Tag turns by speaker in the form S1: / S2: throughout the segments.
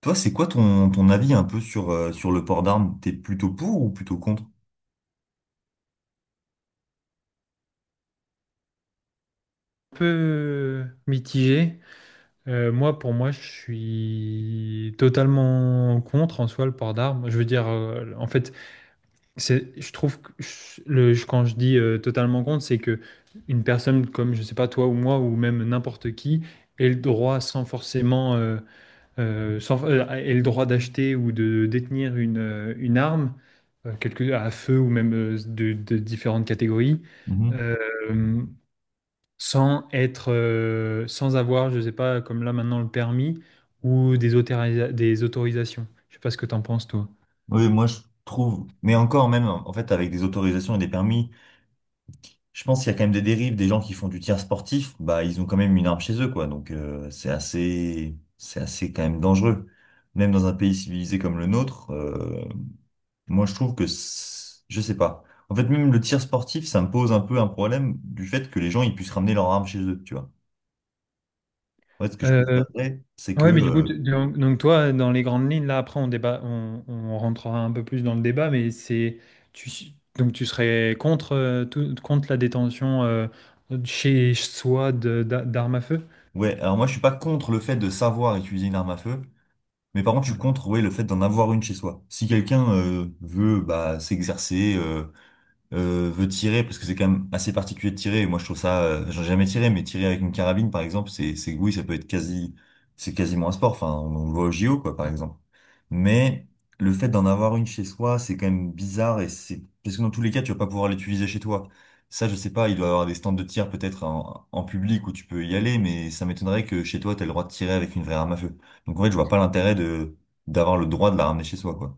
S1: Toi, c'est quoi ton avis un peu sur, sur le port d'armes? T'es plutôt pour ou plutôt contre?
S2: Peu mitigé. Moi, pour moi, je suis totalement contre en soi le port d'armes. Je veux dire, en fait, je trouve que quand je dis totalement contre, c'est que une personne comme, je sais pas, toi ou moi ou même n'importe qui ait le droit sans forcément, ait le droit d'acheter ou de détenir une arme, à feu ou même de différentes catégories.
S1: Mhm.
S2: Euh, sans avoir, je sais pas, comme là maintenant le permis ou autorisa- des autorisations. Je sais pas ce que t'en penses toi.
S1: Oui, moi je trouve, mais encore même, en fait, avec des autorisations et des permis, je pense qu'il y a quand même des dérives, des gens qui font du tir sportif, bah ils ont quand même une arme chez eux, quoi. Donc c'est assez quand même dangereux. Même dans un pays civilisé comme le nôtre, moi je trouve que, je sais pas. En fait, même le tir sportif, ça me pose un peu un problème du fait que les gens ils puissent ramener leur arme chez eux, tu vois. En fait, ce que je
S2: Euh,
S1: préférerais, c'est que
S2: ouais, mais du coup, donc toi, dans les grandes lignes, là après on débat, on rentrera un peu plus dans le débat, mais tu, donc tu serais contre, contre la détention chez soi d'armes à feu?
S1: Ouais, alors moi je suis pas contre le fait de savoir utiliser une arme à feu, mais par contre je suis contre ouais, le fait d'en avoir une chez soi. Si quelqu'un veut bah, s'exercer, veut tirer, parce que c'est quand même assez particulier de tirer, moi je trouve ça, j'en ai jamais tiré, mais tirer avec une carabine par exemple, c'est oui, ça peut être quasi, c'est quasiment un sport, enfin on le voit au JO quoi par exemple. Mais le fait d'en avoir une chez soi, c'est quand même bizarre et c'est, parce que dans tous les cas tu vas pas pouvoir l'utiliser chez toi. Ça je sais pas, il doit y avoir des stands de tir peut-être en, en public où tu peux y aller, mais ça m'étonnerait que chez toi t'aies le droit de tirer avec une vraie arme à feu. Donc en fait je vois pas l'intérêt de, d'avoir le droit de la ramener chez soi quoi.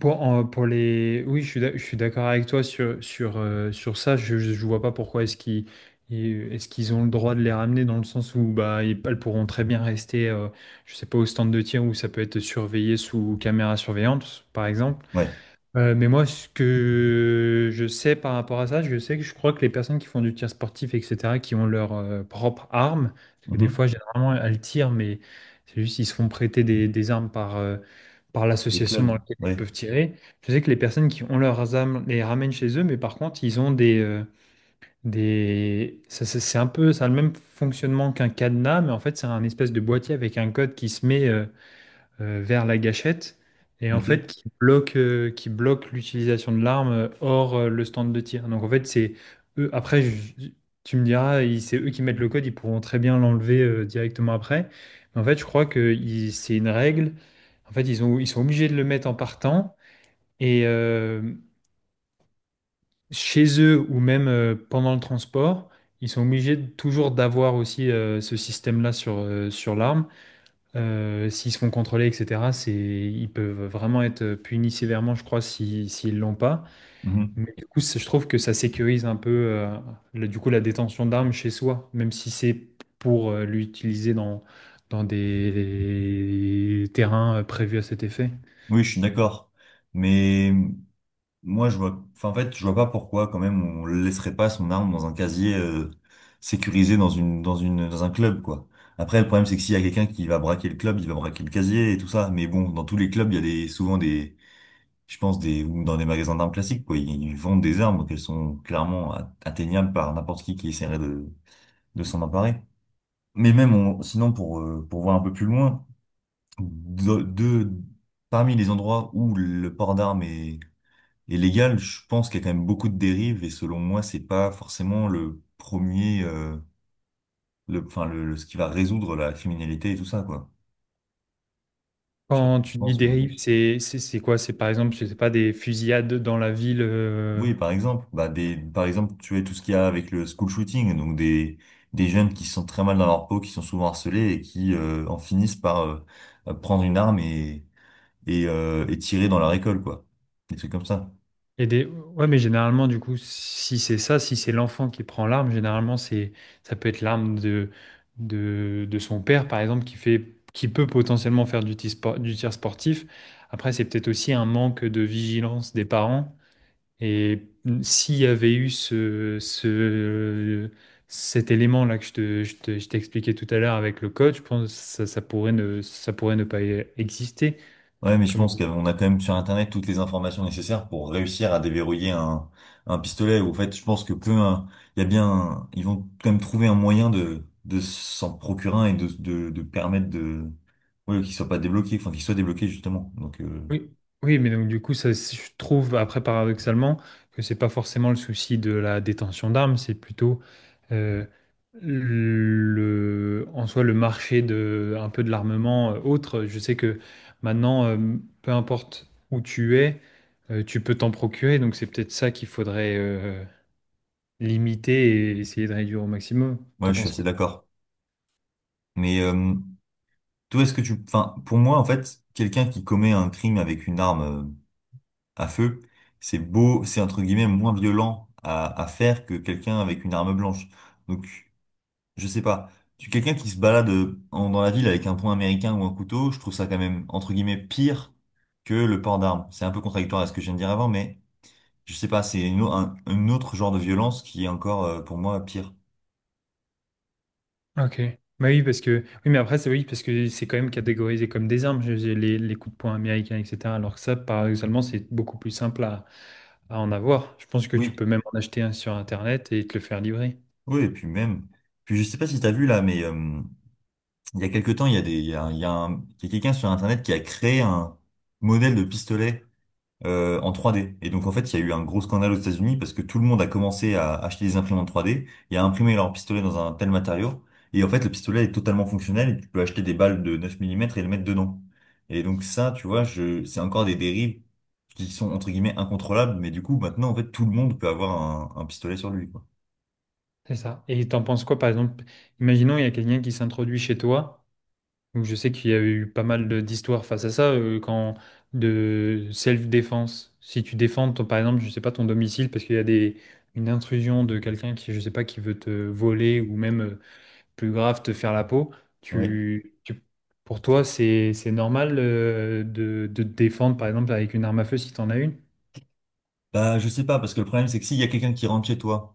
S2: Pour, en- pour les... Oui, je suis d'accord avec toi sur ça. Je ne vois pas pourquoi est-ce qu'ils est-ce qu'ils ont le droit de les ramener dans le sens où bah, elles pourront très bien rester, je sais pas, au stand de tir où ça peut être surveillé sous caméra surveillante, par exemple.
S1: Ouais.
S2: Mais moi, ce que je sais par rapport à ça, je sais que je crois que les personnes qui font du tir sportif, etc., qui ont leur propre arme, parce que des
S1: Mhm.
S2: fois, généralement, elles tirent, mais c'est juste ils se font prêter des armes par
S1: Des
S2: l'association dans
S1: clubs.
S2: laquelle ils
S1: Ouais.
S2: peuvent tirer. Je sais que les personnes qui ont leurs armes les ramènent chez eux, mais par contre, ils ont des... c'est un peu, ça a le même fonctionnement qu'un cadenas, mais en fait, c'est un espèce de boîtier avec un code qui se met... vers la gâchette et en
S1: Ok.
S2: fait qui bloque l'utilisation de l'arme hors le stand de tir. Donc en fait, c'est eux. Tu me diras, c'est eux qui mettent le code, ils pourront très bien l'enlever directement après. Mais en fait, je crois que c'est une règle. En fait, ils sont obligés de le mettre en partant et euh, chez eux ou même pendant le transport. Ils sont obligés de- toujours d'avoir aussi ce système-là sur l'arme. S'ils se font contrôler, etc., ils peuvent vraiment être punis sévèrement, je crois, si, s'ils l'ont pas.
S1: Mhm.
S2: Mais du coup, c'est- je trouve que ça sécurise un peu, le- du coup, la détention d'armes chez soi, même si c'est pour, l'utiliser dans, dans des terrains prévus à cet effet.
S1: Oui, je suis d'accord. Mais moi, je vois, enfin, en fait, je vois pas pourquoi, quand même, on laisserait pas son arme dans un casier sécurisé dans une, dans une, dans un club, quoi. Après, le problème, c'est que s'il y a quelqu'un qui va braquer le club, il va braquer le casier et tout ça. Mais bon, dans tous les clubs, il y a des, souvent des, je pense, des, ou dans des magasins d'armes classiques, quoi. Ils vendent des armes qu'elles sont clairement atteignables par n'importe qui essaierait de s'en emparer. Mais même, sinon, pour voir un peu plus loin, de, de- parmi les endroits où le port d'armes est et légal, je pense qu'il y a quand même beaucoup de dérives et selon moi, c'est pas forcément le premier, le, enfin le, ce qui va résoudre la criminalité et tout ça quoi. Je sais pas ce
S2: Quand
S1: que tu
S2: tu dis
S1: penses, mais
S2: dérive, c'est quoi? C'est par exemple, je sais pas, des fusillades dans la ville,
S1: oui, par exemple, bah des, par exemple, tu vois tout ce qu'il y a avec le school shooting, donc des jeunes qui se sentent très mal dans leur peau, qui sont souvent harcelés et qui en finissent par prendre une arme et et tirer dans leur école quoi, des trucs comme ça.
S2: et des... Ouais, mais généralement, du coup, si c'est ça, si c'est l'enfant qui prend l'arme, généralement, c'est ça peut être l'arme de... de son père, par exemple, qui fait... qui peut potentiellement faire du du tir sportif. Après, c'est peut-être aussi un manque de vigilance des parents. Et s'il y avait eu ce... ce... cet élément-là que je je t'expliquais tout à l'heure avec le code, je pense que ça pourrait ne pas exister.
S1: Ouais, mais je pense qu'on a quand même sur Internet toutes les informations nécessaires pour réussir à déverrouiller un pistolet. Ou en fait, je pense que peu, il y a bien, ils vont quand même trouver un moyen de s'en procurer un et de permettre de, ouais, qu'il soit pas débloqué, enfin, qu'il soit débloqué justement. Donc,
S2: Oui, oui, mais donc du coup, ça, c'est- je trouve après paradoxalement que c'est pas forcément le souci de la détention d'armes, c'est plutôt euh, le, en soi le marché de un peu de l'armement autre. Je sais que maintenant, peu importe où tu es, tu peux t'en procurer, donc c'est peut-être ça qu'il faudrait limiter et essayer de réduire au maximum.
S1: ouais,
S2: T'en
S1: je suis
S2: penses
S1: assez
S2: quoi?
S1: d'accord. Mais toi, est-ce que tu, enfin, pour moi, en fait, quelqu'un qui commet un crime avec une arme à feu, c'est beau, c'est entre guillemets moins violent à faire que quelqu'un avec une arme blanche. Donc je sais pas. Tu quelqu'un qui se balade dans la ville avec un poing américain ou un couteau, je trouve ça quand même, entre guillemets, pire que le port d'armes. C'est un peu contradictoire à ce que je viens de dire avant, mais je sais pas, c'est une, un autre genre de violence qui est encore, pour moi, pire.
S2: Ok. Bah oui, parce que. Oui, mais après, c'est oui, parce que c'est quand même catégorisé comme des armes, j'ai les coups de poing américains, etc. Alors que ça, paradoxalement, c'est beaucoup plus simple à en avoir. Je pense que tu
S1: Oui,
S2: peux même en acheter un sur Internet et te le faire livrer.
S1: oui, et puis même, puis je sais pas si t'as vu là, mais il y a quelque temps, il y a des, il y a, il y a il y a quelqu'un sur Internet qui a créé un modèle de pistolet en 3D. Et donc en fait, il y a eu un gros scandale aux États-Unis parce que tout le monde a commencé à acheter des imprimantes 3D et à imprimer leur pistolet dans un tel matériau. Et en fait, le pistolet est totalement fonctionnel et tu peux acheter des balles de 9 mm et le mettre dedans. Et donc ça, tu vois, je, c'est encore des dérives qui sont entre guillemets incontrôlables, mais du coup, maintenant, en fait, tout le monde peut avoir un pistolet sur lui, quoi.
S2: C'est ça. Et t'en penses quoi, par exemple? Imaginons, il y a quelqu'un qui s'introduit chez toi. Donc, je sais qu'il y a eu pas mal d'histoires face à ça, quand de self-défense. Si tu défends, par exemple, je sais pas, ton domicile, parce qu'il y a des, une intrusion de quelqu'un qui, je sais pas, qui veut te voler ou même, plus grave te faire la peau.
S1: Ouais.
S2: Tu, tu- pour toi, c'est normal de te défendre, par exemple, avec une arme à feu si tu en as une,
S1: Bah, je sais pas, parce que le problème, c'est que s'il y a quelqu'un qui rentre chez toi,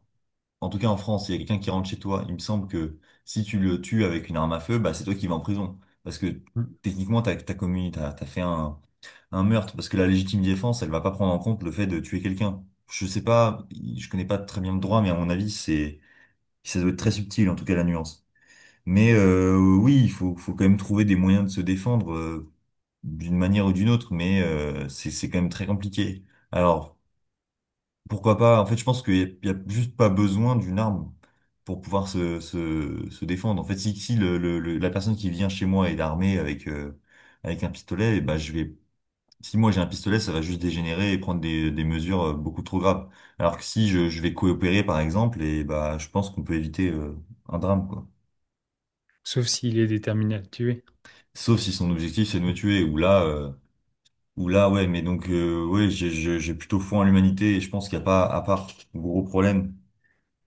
S1: en tout cas, en France, s'il y a quelqu'un qui rentre chez toi, il me semble que si tu le tues avec une arme à feu, bah, c'est toi qui vas en prison. Parce que techniquement, t'as commis, t'as fait un meurtre. Parce que la légitime défense, elle va pas prendre en compte le fait de tuer quelqu'un. Je sais pas, je connais pas très bien le droit, mais à mon avis, c'est, ça doit être très subtil, en tout cas, la nuance. Mais oui, il faut, faut quand même trouver des moyens de se défendre d'une manière ou d'une autre, mais c'est quand même très compliqué. Alors, pourquoi pas? En fait, je pense qu'il n'y a, il y a juste pas besoin d'une arme pour pouvoir se, se, se défendre. En fait, si, si le, la personne qui vient chez moi est armée avec, avec un pistolet, eh ben, je vais, si moi j'ai un pistolet, ça va juste dégénérer et prendre des mesures beaucoup trop graves. Alors que si je, je vais coopérer, par exemple, et bah, je pense qu'on peut éviter un drame, quoi.
S2: sauf s'il est déterminé à te tuer.
S1: Sauf si son objectif, c'est de me tuer, ou là, ouais, mais donc, ouais, j'ai plutôt foi en l'humanité et je pense qu'il n'y a pas, à part gros problème.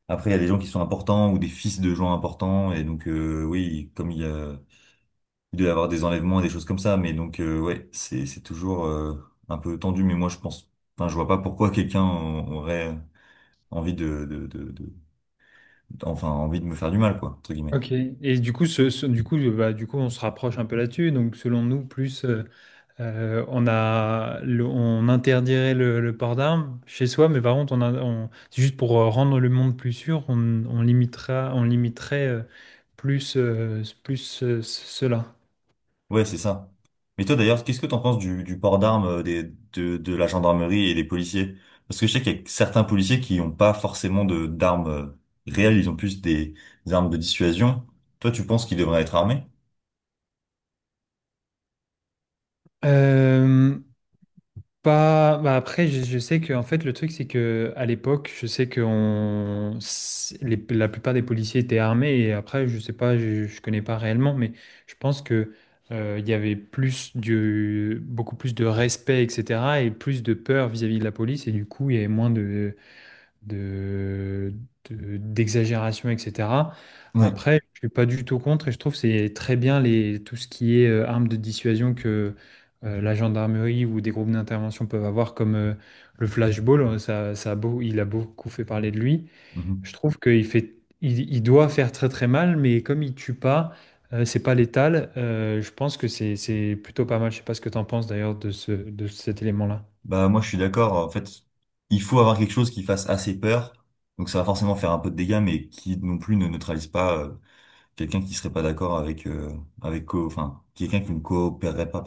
S1: Après, il y a des gens qui sont importants ou des fils de gens importants. Et donc, oui, comme il y a, il doit y avoir des enlèvements et des choses comme ça. Mais donc, ouais, c'est toujours un peu tendu. Mais moi, je pense, enfin, je vois pas pourquoi quelqu'un aurait envie de, enfin, envie de me faire du mal, quoi, entre guillemets.
S2: Ok. Et du coup, du coup, du coup, on se rapproche un peu là-dessus. Donc, selon nous, plus on a, le- on interdirait le port d'armes chez soi, mais par contre, c'est juste pour rendre le monde plus sûr, on limitera, on limiterait plus, plus cela.
S1: Ouais, c'est ça. Mais toi, d'ailleurs, qu'est-ce que t'en penses du port d'armes des, de la gendarmerie et des policiers? Parce que je sais qu'il y a certains policiers qui n'ont pas forcément de, d'armes réelles. Ils ont plus des armes de dissuasion. Toi, tu penses qu'ils devraient être armés?
S2: Euh, Pas... Bah après, je sais que en fait, le truc, c'est que à l'époque, je sais que on... c'est- les- la plupart des policiers étaient armés. Et après, je sais pas, je connais pas réellement, mais je pense que il y avait plus de... beaucoup plus de respect, etc. Et plus de peur vis-à-vis de la police. Et du coup, il y avait moins de, d'exagération, etc.
S1: Ouais.
S2: Après, je suis pas du tout contre et je trouve que c'est très bien les, tout ce qui est armes de dissuasion que la gendarmerie ou des groupes d'intervention peuvent avoir, comme le flashball. Ça, ça a beau, il a beaucoup fait parler de lui. Je
S1: Mhm.
S2: trouve qu'il fait, il doit faire très très mal, mais comme il tue pas, c'est pas létal. Je pense que c'est plutôt pas mal. Je sais pas ce que tu en penses d'ailleurs de ce, de cet élément-là.
S1: Bah moi je suis d'accord. En fait, il faut avoir quelque chose qui fasse assez peur. Donc ça va forcément faire un peu de dégâts, mais qui non plus ne neutralise pas quelqu'un qui serait pas d'accord avec avec co- enfin quelqu'un qui ne coopérerait pas.